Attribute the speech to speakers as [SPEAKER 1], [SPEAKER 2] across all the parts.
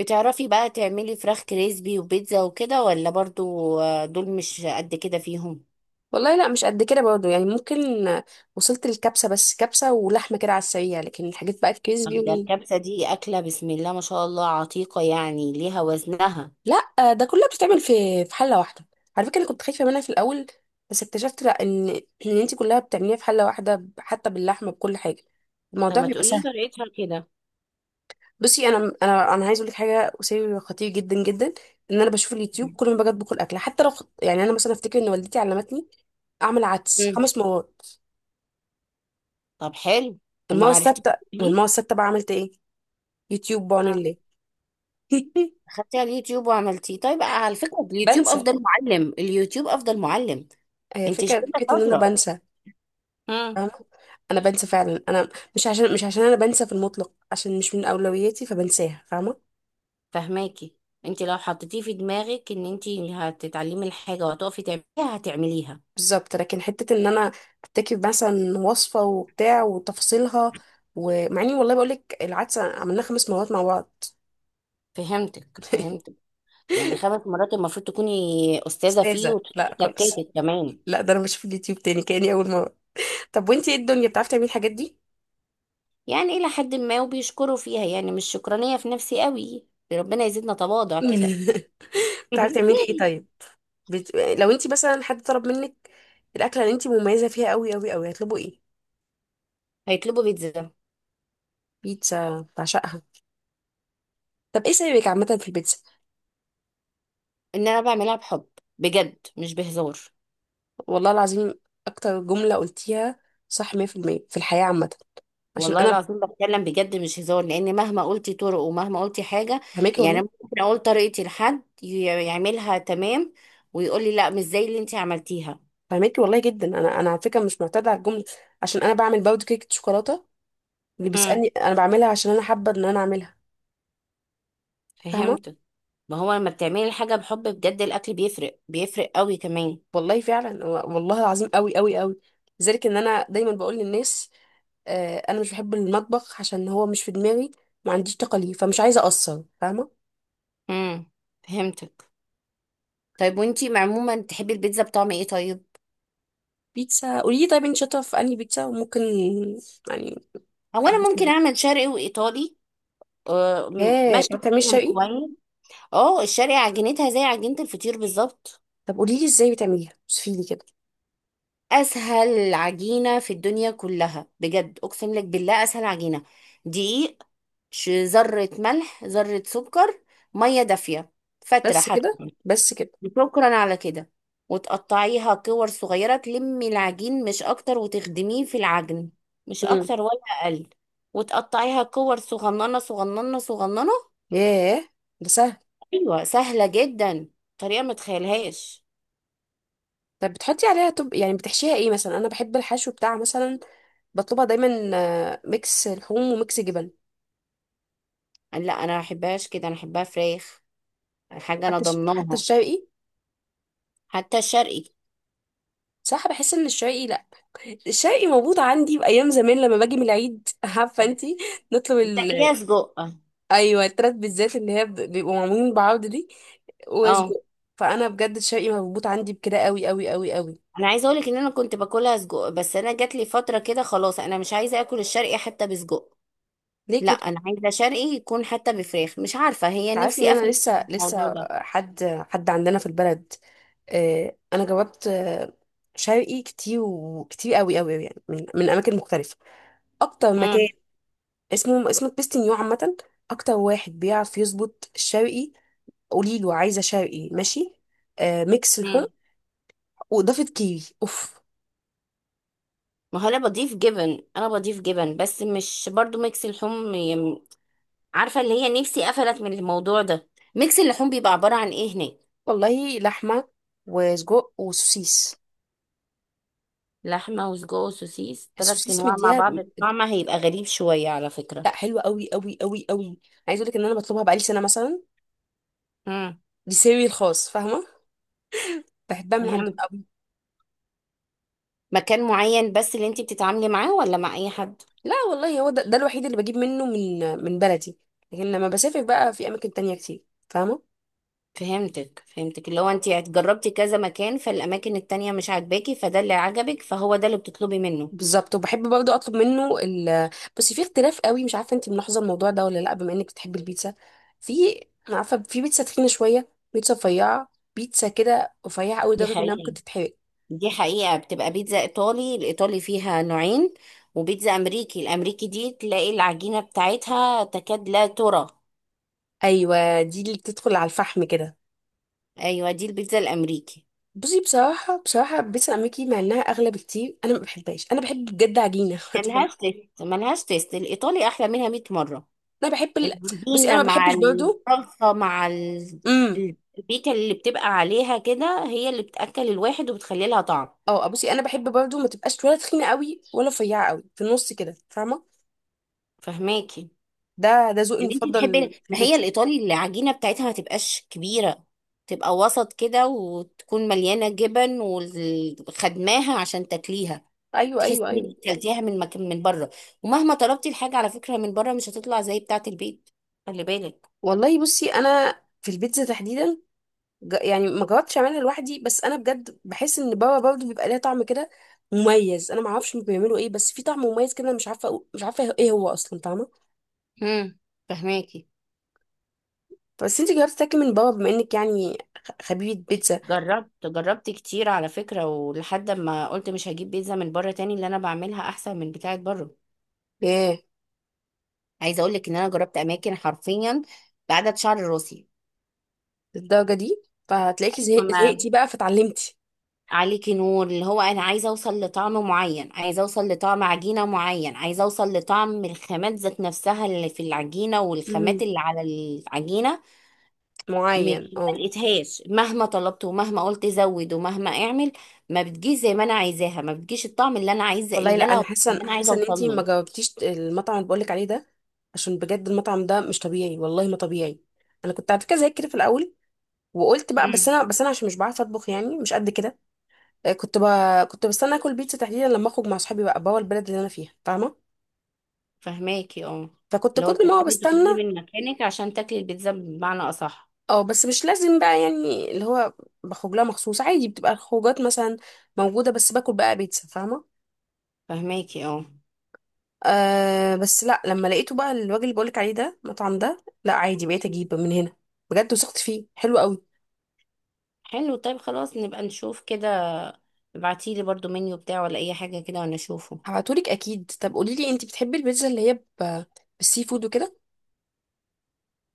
[SPEAKER 1] بتعرفي بقى تعملي فراخ كريسبي وبيتزا وكده ولا برضو آه، دول مش قد كده فيهم.
[SPEAKER 2] والله لا مش قد كده برضه، يعني ممكن. وصلت للكبسة، بس كبسة ولحمة كده على السريع، لكن الحاجات بقى الكريسبي
[SPEAKER 1] طب ده الكبسة دي أكلة بسم الله ما شاء الله عتيقة، يعني ليها وزنها.
[SPEAKER 2] لا، ده كلها بتتعمل في حلة واحدة. على فكرة، انا كنت خايفة منها في الأول، بس اكتشفت لا ان انت كلها بتعمليها في حلة واحدة، حتى باللحمة بكل حاجة. الموضوع
[SPEAKER 1] فما
[SPEAKER 2] بيبقى
[SPEAKER 1] تقولي
[SPEAKER 2] سهل.
[SPEAKER 1] طريقتها كده.
[SPEAKER 2] بصي، انا عايز اقول لك حاجه، سر خطير جدا جدا. ان انا بشوف اليوتيوب كل ما باجي اطبخ الاكل، حتى لو يعني انا مثلا افتكر ان والدتي علمتني اعمل عدس
[SPEAKER 1] مم.
[SPEAKER 2] خمس مرات.
[SPEAKER 1] طب حلو، وما
[SPEAKER 2] المره
[SPEAKER 1] عرفتيش
[SPEAKER 2] السادسه،
[SPEAKER 1] تعمليه.
[SPEAKER 2] المره السادسه بقى عملت ايه؟ يوتيوب، بعون
[SPEAKER 1] آه.
[SPEAKER 2] الله.
[SPEAKER 1] خدتي على اليوتيوب وعملتيه طيب، آه، على فكرة اليوتيوب
[SPEAKER 2] بنسى.
[SPEAKER 1] أفضل معلم، اليوتيوب أفضل معلم.
[SPEAKER 2] هي
[SPEAKER 1] انت
[SPEAKER 2] الفكرة،
[SPEAKER 1] شكلك
[SPEAKER 2] فكرة ان انا
[SPEAKER 1] شاطرة.
[SPEAKER 2] بنسى.
[SPEAKER 1] مم.
[SPEAKER 2] فاهمة، انا بنسى فعلا. انا مش عشان انا بنسى في المطلق، عشان مش من اولوياتي فبنساها، فاهمة؟
[SPEAKER 1] فهماكي. انت لو حطيتيه في دماغك ان انت هتتعلمي الحاجة وهتقفي تعمليها هتعمليها.
[SPEAKER 2] بالظبط، لكن حتة ان انا افتكر مثلا وصفة وبتاع وتفاصيلها. ومع اني، والله بقولك، العدسة عملناها خمس مرات مع بعض.
[SPEAKER 1] فهمتك فهمتك يعني خمس مرات المفروض تكوني استاذه فيه
[SPEAKER 2] استاذة؟ لا خالص.
[SPEAKER 1] وتكاتك كمان.
[SPEAKER 2] لا، ده انا بشوف اليوتيوب تاني كأني اول مرة. طب وانتي ايه، الدنيا بتعرفي تعملي الحاجات دي؟
[SPEAKER 1] يعني الى حد ما وبيشكروا فيها، يعني مش شكرانيه في نفسي قوي. ربنا يزيدنا تواضع كده.
[SPEAKER 2] بتعرفي تعملي ايه طيب؟ لو انت مثلا حد طلب منك الاكله اللي انت مميزه فيها قوي قوي قوي، هتطلبوا ايه؟
[SPEAKER 1] هيطلبوا بيتزا.
[SPEAKER 2] بيتزا؟ بعشقها. طب ايه سببك عامه في البيتزا؟
[SPEAKER 1] ان انا بعملها بحب، بجد مش بهزار.
[SPEAKER 2] والله العظيم، اكتر جمله قلتيها صح، 100% في المية، في الحياه عامه. عشان
[SPEAKER 1] والله
[SPEAKER 2] انا،
[SPEAKER 1] العظيم بتكلم بجد مش هزار، لان مهما قلتي طرق ومهما قلتي حاجه،
[SPEAKER 2] فهماكي
[SPEAKER 1] يعني
[SPEAKER 2] والله.
[SPEAKER 1] ممكن اقول طريقتي لحد يعملها تمام ويقول لي لا مش زي اللي انت عملتيها.
[SPEAKER 2] فهماكي والله جدا، انا على فكره مش معتاده على الجمله، عشان انا بعمل باود كيكه شوكولاته. اللي
[SPEAKER 1] امم،
[SPEAKER 2] بيسالني انا بعملها، عشان انا حابه ان انا اعملها، فاهمه؟
[SPEAKER 1] فهمت. ما هو لما بتعملي الحاجة بحب بجد الأكل بيفرق، بيفرق قوي كمان.
[SPEAKER 2] والله فعلا، والله العظيم، قوي قوي قوي. لذلك ان انا دايما بقول للناس، آه، انا مش بحب المطبخ عشان هو مش في دماغي. ما عنديش طاقه ليه، فمش عايزه اقصر، فاهمه؟
[SPEAKER 1] امم، فهمتك. طيب وانتي عموما تحبي البيتزا بطعم ايه طيب؟
[SPEAKER 2] بيتزا. قولي لي طيب، انت شاطره في انهي بيتزا وممكن يعني
[SPEAKER 1] هو انا
[SPEAKER 2] ادوس
[SPEAKER 1] ممكن
[SPEAKER 2] معاكي.
[SPEAKER 1] اعمل شرقي وايطالي. آه،
[SPEAKER 2] ها،
[SPEAKER 1] ماشي
[SPEAKER 2] بتعملي
[SPEAKER 1] فيهم
[SPEAKER 2] شرقي؟
[SPEAKER 1] كويس. اه الشرقي عجينتها زي عجينة الفطير بالظبط.
[SPEAKER 2] طب قولي لي ازاي بتعمليها، وصفي لي كده.
[SPEAKER 1] اسهل عجينة في الدنيا كلها، بجد اقسم لك بالله اسهل عجينة. دقيق، ذرة ملح، ذرة سكر، مية دافية، فترة
[SPEAKER 2] بس
[SPEAKER 1] حتى،
[SPEAKER 2] كده؟ بس كده.
[SPEAKER 1] شكرا على كده. وتقطعيها كور صغيرة، تلمي العجين مش أكتر، وتخدميه في العجن، مش
[SPEAKER 2] امم.
[SPEAKER 1] أكتر ولا أقل. وتقطعيها كور صغننة صغننة صغننة.
[SPEAKER 2] ياه، ده سهل.
[SPEAKER 1] أيوة سهلة جدا، طريقة ما تخيلهاش.
[SPEAKER 2] طب بتحطي عليها، طب يعني بتحشيها ايه مثلا؟ انا بحب الحشو بتاع مثلا، بطلبها دايما، آه، ميكس لحوم وميكس جبن.
[SPEAKER 1] لا أنا ما بحبهاش كده، أنا بحبها فراخ، حاجة أنا
[SPEAKER 2] حتى
[SPEAKER 1] ضمناها.
[SPEAKER 2] الشرقي.
[SPEAKER 1] حتى الشرقي.
[SPEAKER 2] صح، بحس ان الشرقي لا، الشرقي موجود عندي بأيام زمان لما باجي من العيد. عارفة انتي، نطلب
[SPEAKER 1] بتاكليها سجق.
[SPEAKER 2] أيوة، التلات بالذات اللي هي بيبقوا معمولين بعض دي،
[SPEAKER 1] اه
[SPEAKER 2] وسجق. فأنا بجد الشرقي مربوط عندي بكده قوي قوي قوي قوي.
[SPEAKER 1] انا عايزه اقولك ان انا كنت باكلها سجق، بس انا جات لي فتره كده خلاص انا مش عايزه اكل الشرقي حتى بسجق.
[SPEAKER 2] ليه
[SPEAKER 1] لا
[SPEAKER 2] كده؟
[SPEAKER 1] انا عايزه شرقي يكون حتى بفراخ، مش عارفه هي
[SPEAKER 2] تعرفي إن
[SPEAKER 1] نفسي
[SPEAKER 2] أنا
[SPEAKER 1] افهم
[SPEAKER 2] لسه
[SPEAKER 1] الموضوع
[SPEAKER 2] لسه
[SPEAKER 1] ده.
[SPEAKER 2] حد، حد عندنا في البلد، آه، أنا جربت شرقي كتير، وكتير قوي قوي قوي، يعني من أماكن مختلفة. أكتر
[SPEAKER 1] امم،
[SPEAKER 2] مكان اسمه بيستنيو عامة، أكتر واحد بيعرف يظبط الشرقي. قولي له عايزه شرقي، ماشي، آه، ميكس لحوم،
[SPEAKER 1] امم.
[SPEAKER 2] واضافه كيري اوف.
[SPEAKER 1] ما هو انا بضيف جبن، انا بضيف جبن، بس مش برضو ميكس اللحوم عارفه، اللي هي نفسي قفلت من الموضوع ده. ميكس اللحوم بيبقى عباره عن ايه هناك؟
[SPEAKER 2] والله لحمه وسجق وسوسيس.
[SPEAKER 1] لحمه وسجق وسوسيس ثلاث
[SPEAKER 2] السوسيس
[SPEAKER 1] انواع مع
[SPEAKER 2] مديها،
[SPEAKER 1] بعض، الطعم هيبقى غريب شويه على فكره.
[SPEAKER 2] لا، حلوه قوي قوي قوي قوي. عايزه اقول لك ان انا بطلبها بقالي سنه مثلا.
[SPEAKER 1] امم،
[SPEAKER 2] دي سيري الخاص، فاهمه؟ بحبها من عندهم
[SPEAKER 1] فهمت.
[SPEAKER 2] قوي.
[SPEAKER 1] مكان معين بس اللي انت بتتعاملي معاه ولا مع اي حد؟
[SPEAKER 2] لا والله، هو ده الوحيد اللي بجيب منه، من بلدي. لكن لما بسافر بقى في اماكن تانية كتير، فاهمه؟
[SPEAKER 1] فهمتك. اللي هو انت جربتي كذا مكان، فالاماكن التانية مش عاجباكي، فده اللي عجبك، فهو ده اللي بتطلبي منه.
[SPEAKER 2] بالظبط. وبحب برضه اطلب منه بس في اختلاف قوي، مش عارفه انت ملاحظه الموضوع ده ولا لا، بما انك بتحبي البيتزا. في، انا عارفه في بيتزا تخينه شويه، بيتزا رفيعه، بيتزا كده رفيعه قوي
[SPEAKER 1] دي
[SPEAKER 2] لدرجه انها ممكن
[SPEAKER 1] حقيقة
[SPEAKER 2] تتحرق.
[SPEAKER 1] دي حقيقة. بتبقى بيتزا ايطالي، الايطالي فيها نوعين، وبيتزا امريكي، الامريكي دي تلاقي العجينة بتاعتها تكاد لا ترى.
[SPEAKER 2] ايوه، دي اللي بتدخل على الفحم كده.
[SPEAKER 1] ايوه دي البيتزا الامريكي.
[SPEAKER 2] بصي، بصراحه بصراحه، بيتزا امريكي، مع انها اغلى بكتير، انا ما بحبهاش. انا بحب بجد عجينه. هتفهم.
[SPEAKER 1] ملهاش تيست. الايطالي احلى منها 100 مرة.
[SPEAKER 2] انا بحب بصي، انا
[SPEAKER 1] العجينة
[SPEAKER 2] ما
[SPEAKER 1] مع
[SPEAKER 2] بحبش برضه.
[SPEAKER 1] الصلصة مع ال-
[SPEAKER 2] امم.
[SPEAKER 1] البيكة اللي بتبقى عليها كده هي اللي بتأكل الواحد وبتخلي لها طعم.
[SPEAKER 2] اه، آه، بصي، انا بحب برضه ما تبقاش ولا تخينه قوي ولا رفيعه قوي، في النص كده، فاهمه؟
[SPEAKER 1] فهماكي؟
[SPEAKER 2] ده ذوقي
[SPEAKER 1] يعني انت بتحبي، ما
[SPEAKER 2] المفضل في
[SPEAKER 1] هي
[SPEAKER 2] البيتزا.
[SPEAKER 1] الايطالي العجينه بتاعتها ما تبقاش كبيره، تبقى وسط كده، وتكون مليانه جبن، وخدماها عشان تاكليها.
[SPEAKER 2] ايوه
[SPEAKER 1] تحسي
[SPEAKER 2] ايوه
[SPEAKER 1] ان
[SPEAKER 2] ايوه.
[SPEAKER 1] انت اكلتيها من مكان من بره، ومهما طلبتي الحاجه على فكره من بره مش هتطلع زي بتاعه البيت، خلي بالك.
[SPEAKER 2] والله، بصي، انا في البيتزا تحديدا، يعني ما جربتش اعملها لوحدي، بس انا بجد بحس ان بابا برضه بيبقى ليها طعم كده مميز. انا ما اعرفش بيعملوا ايه، بس في طعم مميز كده، أنا مش عارفه مش عارفه ايه هو اصلا، فاهمه؟
[SPEAKER 1] امم، فهماكي.
[SPEAKER 2] بس انت جربتي تاكلي من بابا، بما انك يعني خبيبه بيتزا.
[SPEAKER 1] جربت، جربت كتير على فكره، ولحد ما قلت مش هجيب بيتزا من بره تاني، اللي انا بعملها احسن من بتاعه بره.
[SPEAKER 2] ايه،
[SPEAKER 1] عايزه اقول لك ان انا جربت اماكن حرفيا بعدد شعر
[SPEAKER 2] للدرجه دي؟ فهتلاقيكي
[SPEAKER 1] راسي.
[SPEAKER 2] زهقتي بقى فتعلمتي.
[SPEAKER 1] عليكي نور، اللي هو انا عايزه اوصل لطعم معين، عايزه اوصل لطعم عجينه معين، عايزه اوصل لطعم الخامات ذات نفسها اللي في العجينه والخامات
[SPEAKER 2] امم،
[SPEAKER 1] اللي على العجينه.
[SPEAKER 2] معين،
[SPEAKER 1] مش
[SPEAKER 2] اه.
[SPEAKER 1] ما لقيتهاش، مهما طلبت ومهما قلت زود ومهما اعمل، ما بتجيش زي ما انا عايزاها، ما بتجيش الطعم اللي انا عايزه،
[SPEAKER 2] والله لا،
[SPEAKER 1] اللي
[SPEAKER 2] انا
[SPEAKER 1] انا،
[SPEAKER 2] حاسه
[SPEAKER 1] اللي انا عايزه
[SPEAKER 2] حاسه ان
[SPEAKER 1] اوصل
[SPEAKER 2] انتي ما
[SPEAKER 1] له.
[SPEAKER 2] جاوبتيش، المطعم اللي بقولك عليه ده، عشان بجد المطعم ده مش طبيعي، والله ما طبيعي. انا كنت على فكره زيك كده في الاول، وقلت بقى، بس
[SPEAKER 1] مم.
[SPEAKER 2] انا بس انا عشان مش بعرف اطبخ يعني، مش قد كده. آه، كنت بستنى اكل بيتزا تحديدا لما اخرج مع اصحابي بقى بوا البلد اللي انا فيها، فاهمه؟
[SPEAKER 1] فهماكي اه.
[SPEAKER 2] فكنت
[SPEAKER 1] اللي هو
[SPEAKER 2] كل ما هو
[SPEAKER 1] بتستني
[SPEAKER 2] بستنى.
[SPEAKER 1] تخرجي من مكانك عشان تاكلي البيتزا بمعنى اصح.
[SPEAKER 2] اه، بس مش لازم بقى، يعني اللي هو بخرج لها مخصوص عادي، بتبقى الخروجات مثلا موجوده، بس باكل بقى بيتزا، فاهمه؟
[SPEAKER 1] فهماكي اه.
[SPEAKER 2] أه، بس لا، لما لقيته بقى الوجه اللي بقولك عليه ده، المطعم ده، لا، عادي بقيت اجيب من هنا. بجد وثقت فيه، حلو قوي.
[SPEAKER 1] حلو طيب، خلاص نبقى نشوف كده. ابعتيلي برضو منيو بتاعه ولا اي حاجة كده وانا اشوفه.
[SPEAKER 2] هبعتهولك اكيد. طب قولي لي، انت بتحبي البيتزا اللي هي ب... بالسي فود وكده؟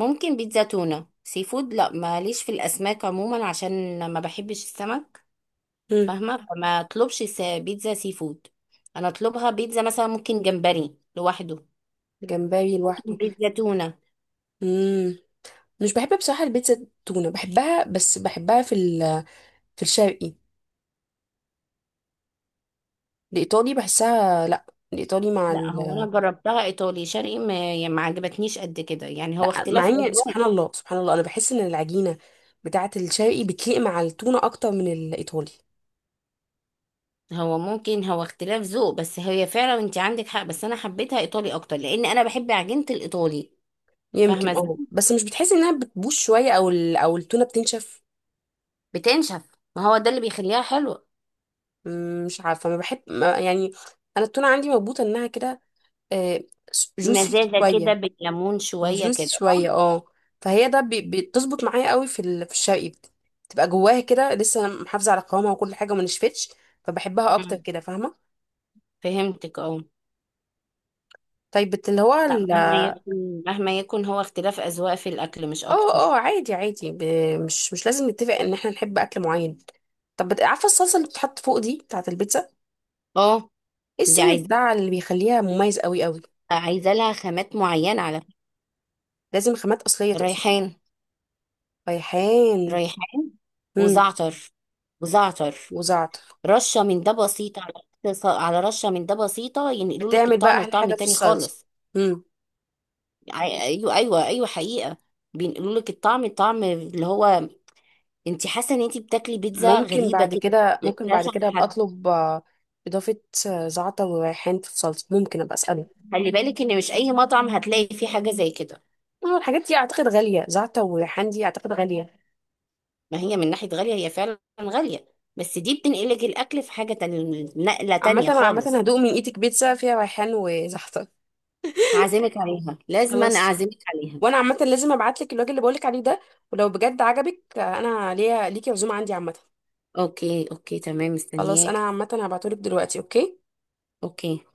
[SPEAKER 1] ممكن بيتزا تونة، سي فود لا ماليش في الاسماك عموما عشان ما بحبش السمك.
[SPEAKER 2] امم.
[SPEAKER 1] فاهمة، فما اطلبش بيتزا سي فود. انا اطلبها بيتزا مثلا ممكن جمبري لوحده،
[SPEAKER 2] جمبري لوحده؟
[SPEAKER 1] بيتزا تونة.
[SPEAKER 2] امم، مش بحب بصراحه البيتزا. التونه بحبها، بس بحبها في في الشرقي. الايطالي بحسها لا. الايطالي مع
[SPEAKER 1] لا هو انا جربتها ايطالي شرقي، ما يعني ما عجبتنيش قد كده، يعني هو
[SPEAKER 2] لا مع
[SPEAKER 1] اختلاف
[SPEAKER 2] اني،
[SPEAKER 1] اذواق.
[SPEAKER 2] سبحان الله سبحان الله، انا بحس ان العجينه بتاعه الشرقي بتليق مع التونه اكتر من الايطالي.
[SPEAKER 1] هو ممكن، هو اختلاف ذوق، بس هي فعلا انت عندك حق، بس انا حبيتها ايطالي اكتر لان انا بحب عجينة الايطالي. فاهمة
[SPEAKER 2] يمكن
[SPEAKER 1] ازاي؟
[SPEAKER 2] اه، بس مش بتحسي انها بتبوظ شويه، او او التونه بتنشف؟
[SPEAKER 1] بتنشف، ما هو ده اللي بيخليها حلوة.
[SPEAKER 2] مش عارفه، ما بحب، ما يعني، انا التونه عندي مربوطه انها كده جوسي
[SPEAKER 1] مزازة كده
[SPEAKER 2] شويه.
[SPEAKER 1] بالليمون شوية
[SPEAKER 2] وجوسي
[SPEAKER 1] كده صح.
[SPEAKER 2] شويه، اه. فهي ده بتظبط معايا قوي في في الشرقي، بتبقى جواها كده لسه محافظه على قوامها وكل حاجه، وما نشفتش. فبحبها اكتر
[SPEAKER 1] مم.
[SPEAKER 2] كده، فاهمه؟
[SPEAKER 1] فهمتك اه.
[SPEAKER 2] طيب اللي هو
[SPEAKER 1] لا مهما
[SPEAKER 2] اه.
[SPEAKER 1] يكن، مهما يكن هو اختلاف أذواق في الأكل، مش
[SPEAKER 2] اه،
[SPEAKER 1] أكتر.
[SPEAKER 2] عادي عادي، مش لازم نتفق ان احنا نحب اكل معين. طب عارفه الصلصه اللي بتتحط فوق دي بتاعه البيتزا،
[SPEAKER 1] اه
[SPEAKER 2] ايه
[SPEAKER 1] دي
[SPEAKER 2] السر
[SPEAKER 1] عايزة،
[SPEAKER 2] بتاع اللي بيخليها مميز قوي قوي؟
[SPEAKER 1] عايزة لها خامات معينة على فكرة.
[SPEAKER 2] لازم خامات اصليه تقصد؟
[SPEAKER 1] ريحان،
[SPEAKER 2] ريحان.
[SPEAKER 1] ريحان،
[SPEAKER 2] امم.
[SPEAKER 1] وزعتر وزعتر.
[SPEAKER 2] وزعتر.
[SPEAKER 1] رشة من ده بسيطة على، على رشة من ده بسيطة ينقلوا لك
[SPEAKER 2] بتعمل بقى
[SPEAKER 1] الطعم
[SPEAKER 2] احلى
[SPEAKER 1] لطعم
[SPEAKER 2] حاجه في
[SPEAKER 1] تاني
[SPEAKER 2] الصلصه.
[SPEAKER 1] خالص.
[SPEAKER 2] امم.
[SPEAKER 1] ايوه ايوه ايوه حقيقة. بينقلوا لك الطعم، الطعم اللي هو انت حاسه ان انت بتاكلي بيتزا
[SPEAKER 2] ممكن
[SPEAKER 1] غريبه
[SPEAKER 2] بعد
[SPEAKER 1] كده،
[SPEAKER 2] كده
[SPEAKER 1] مش
[SPEAKER 2] ممكن بعد
[SPEAKER 1] عند
[SPEAKER 2] كده ابقى
[SPEAKER 1] حد.
[SPEAKER 2] اطلب اضافه آه، زعتر وريحان في الصلصه، ممكن ابقى اساله.
[SPEAKER 1] خلي بالك ان مش اي مطعم هتلاقي فيه حاجه زي كده.
[SPEAKER 2] اه، الحاجات دي اعتقد غاليه، زعتر وريحان دي اعتقد غاليه.
[SPEAKER 1] ما هي من ناحيه غاليه هي فعلا غاليه، بس دي بتنقلك الاكل في حاجه تانية، نقله
[SPEAKER 2] عامه
[SPEAKER 1] تانية
[SPEAKER 2] عامه
[SPEAKER 1] خالص.
[SPEAKER 2] هدوق من ايدك بيتزا فيها ريحان وزعتر.
[SPEAKER 1] هعزمك عليها، لازم انا
[SPEAKER 2] خلاص.
[SPEAKER 1] اعزمك عليها.
[SPEAKER 2] وانا عامه لازم ابعت لك الراجل اللي بقولك عليه ده، ولو بجد عجبك، آه، انا ليا ليكي عزومه عندي عامه.
[SPEAKER 1] اوكي اوكي تمام،
[SPEAKER 2] خلاص، انا
[SPEAKER 1] مستنياك
[SPEAKER 2] عامه هبعتهولك دلوقتي. اوكي.
[SPEAKER 1] اوكي.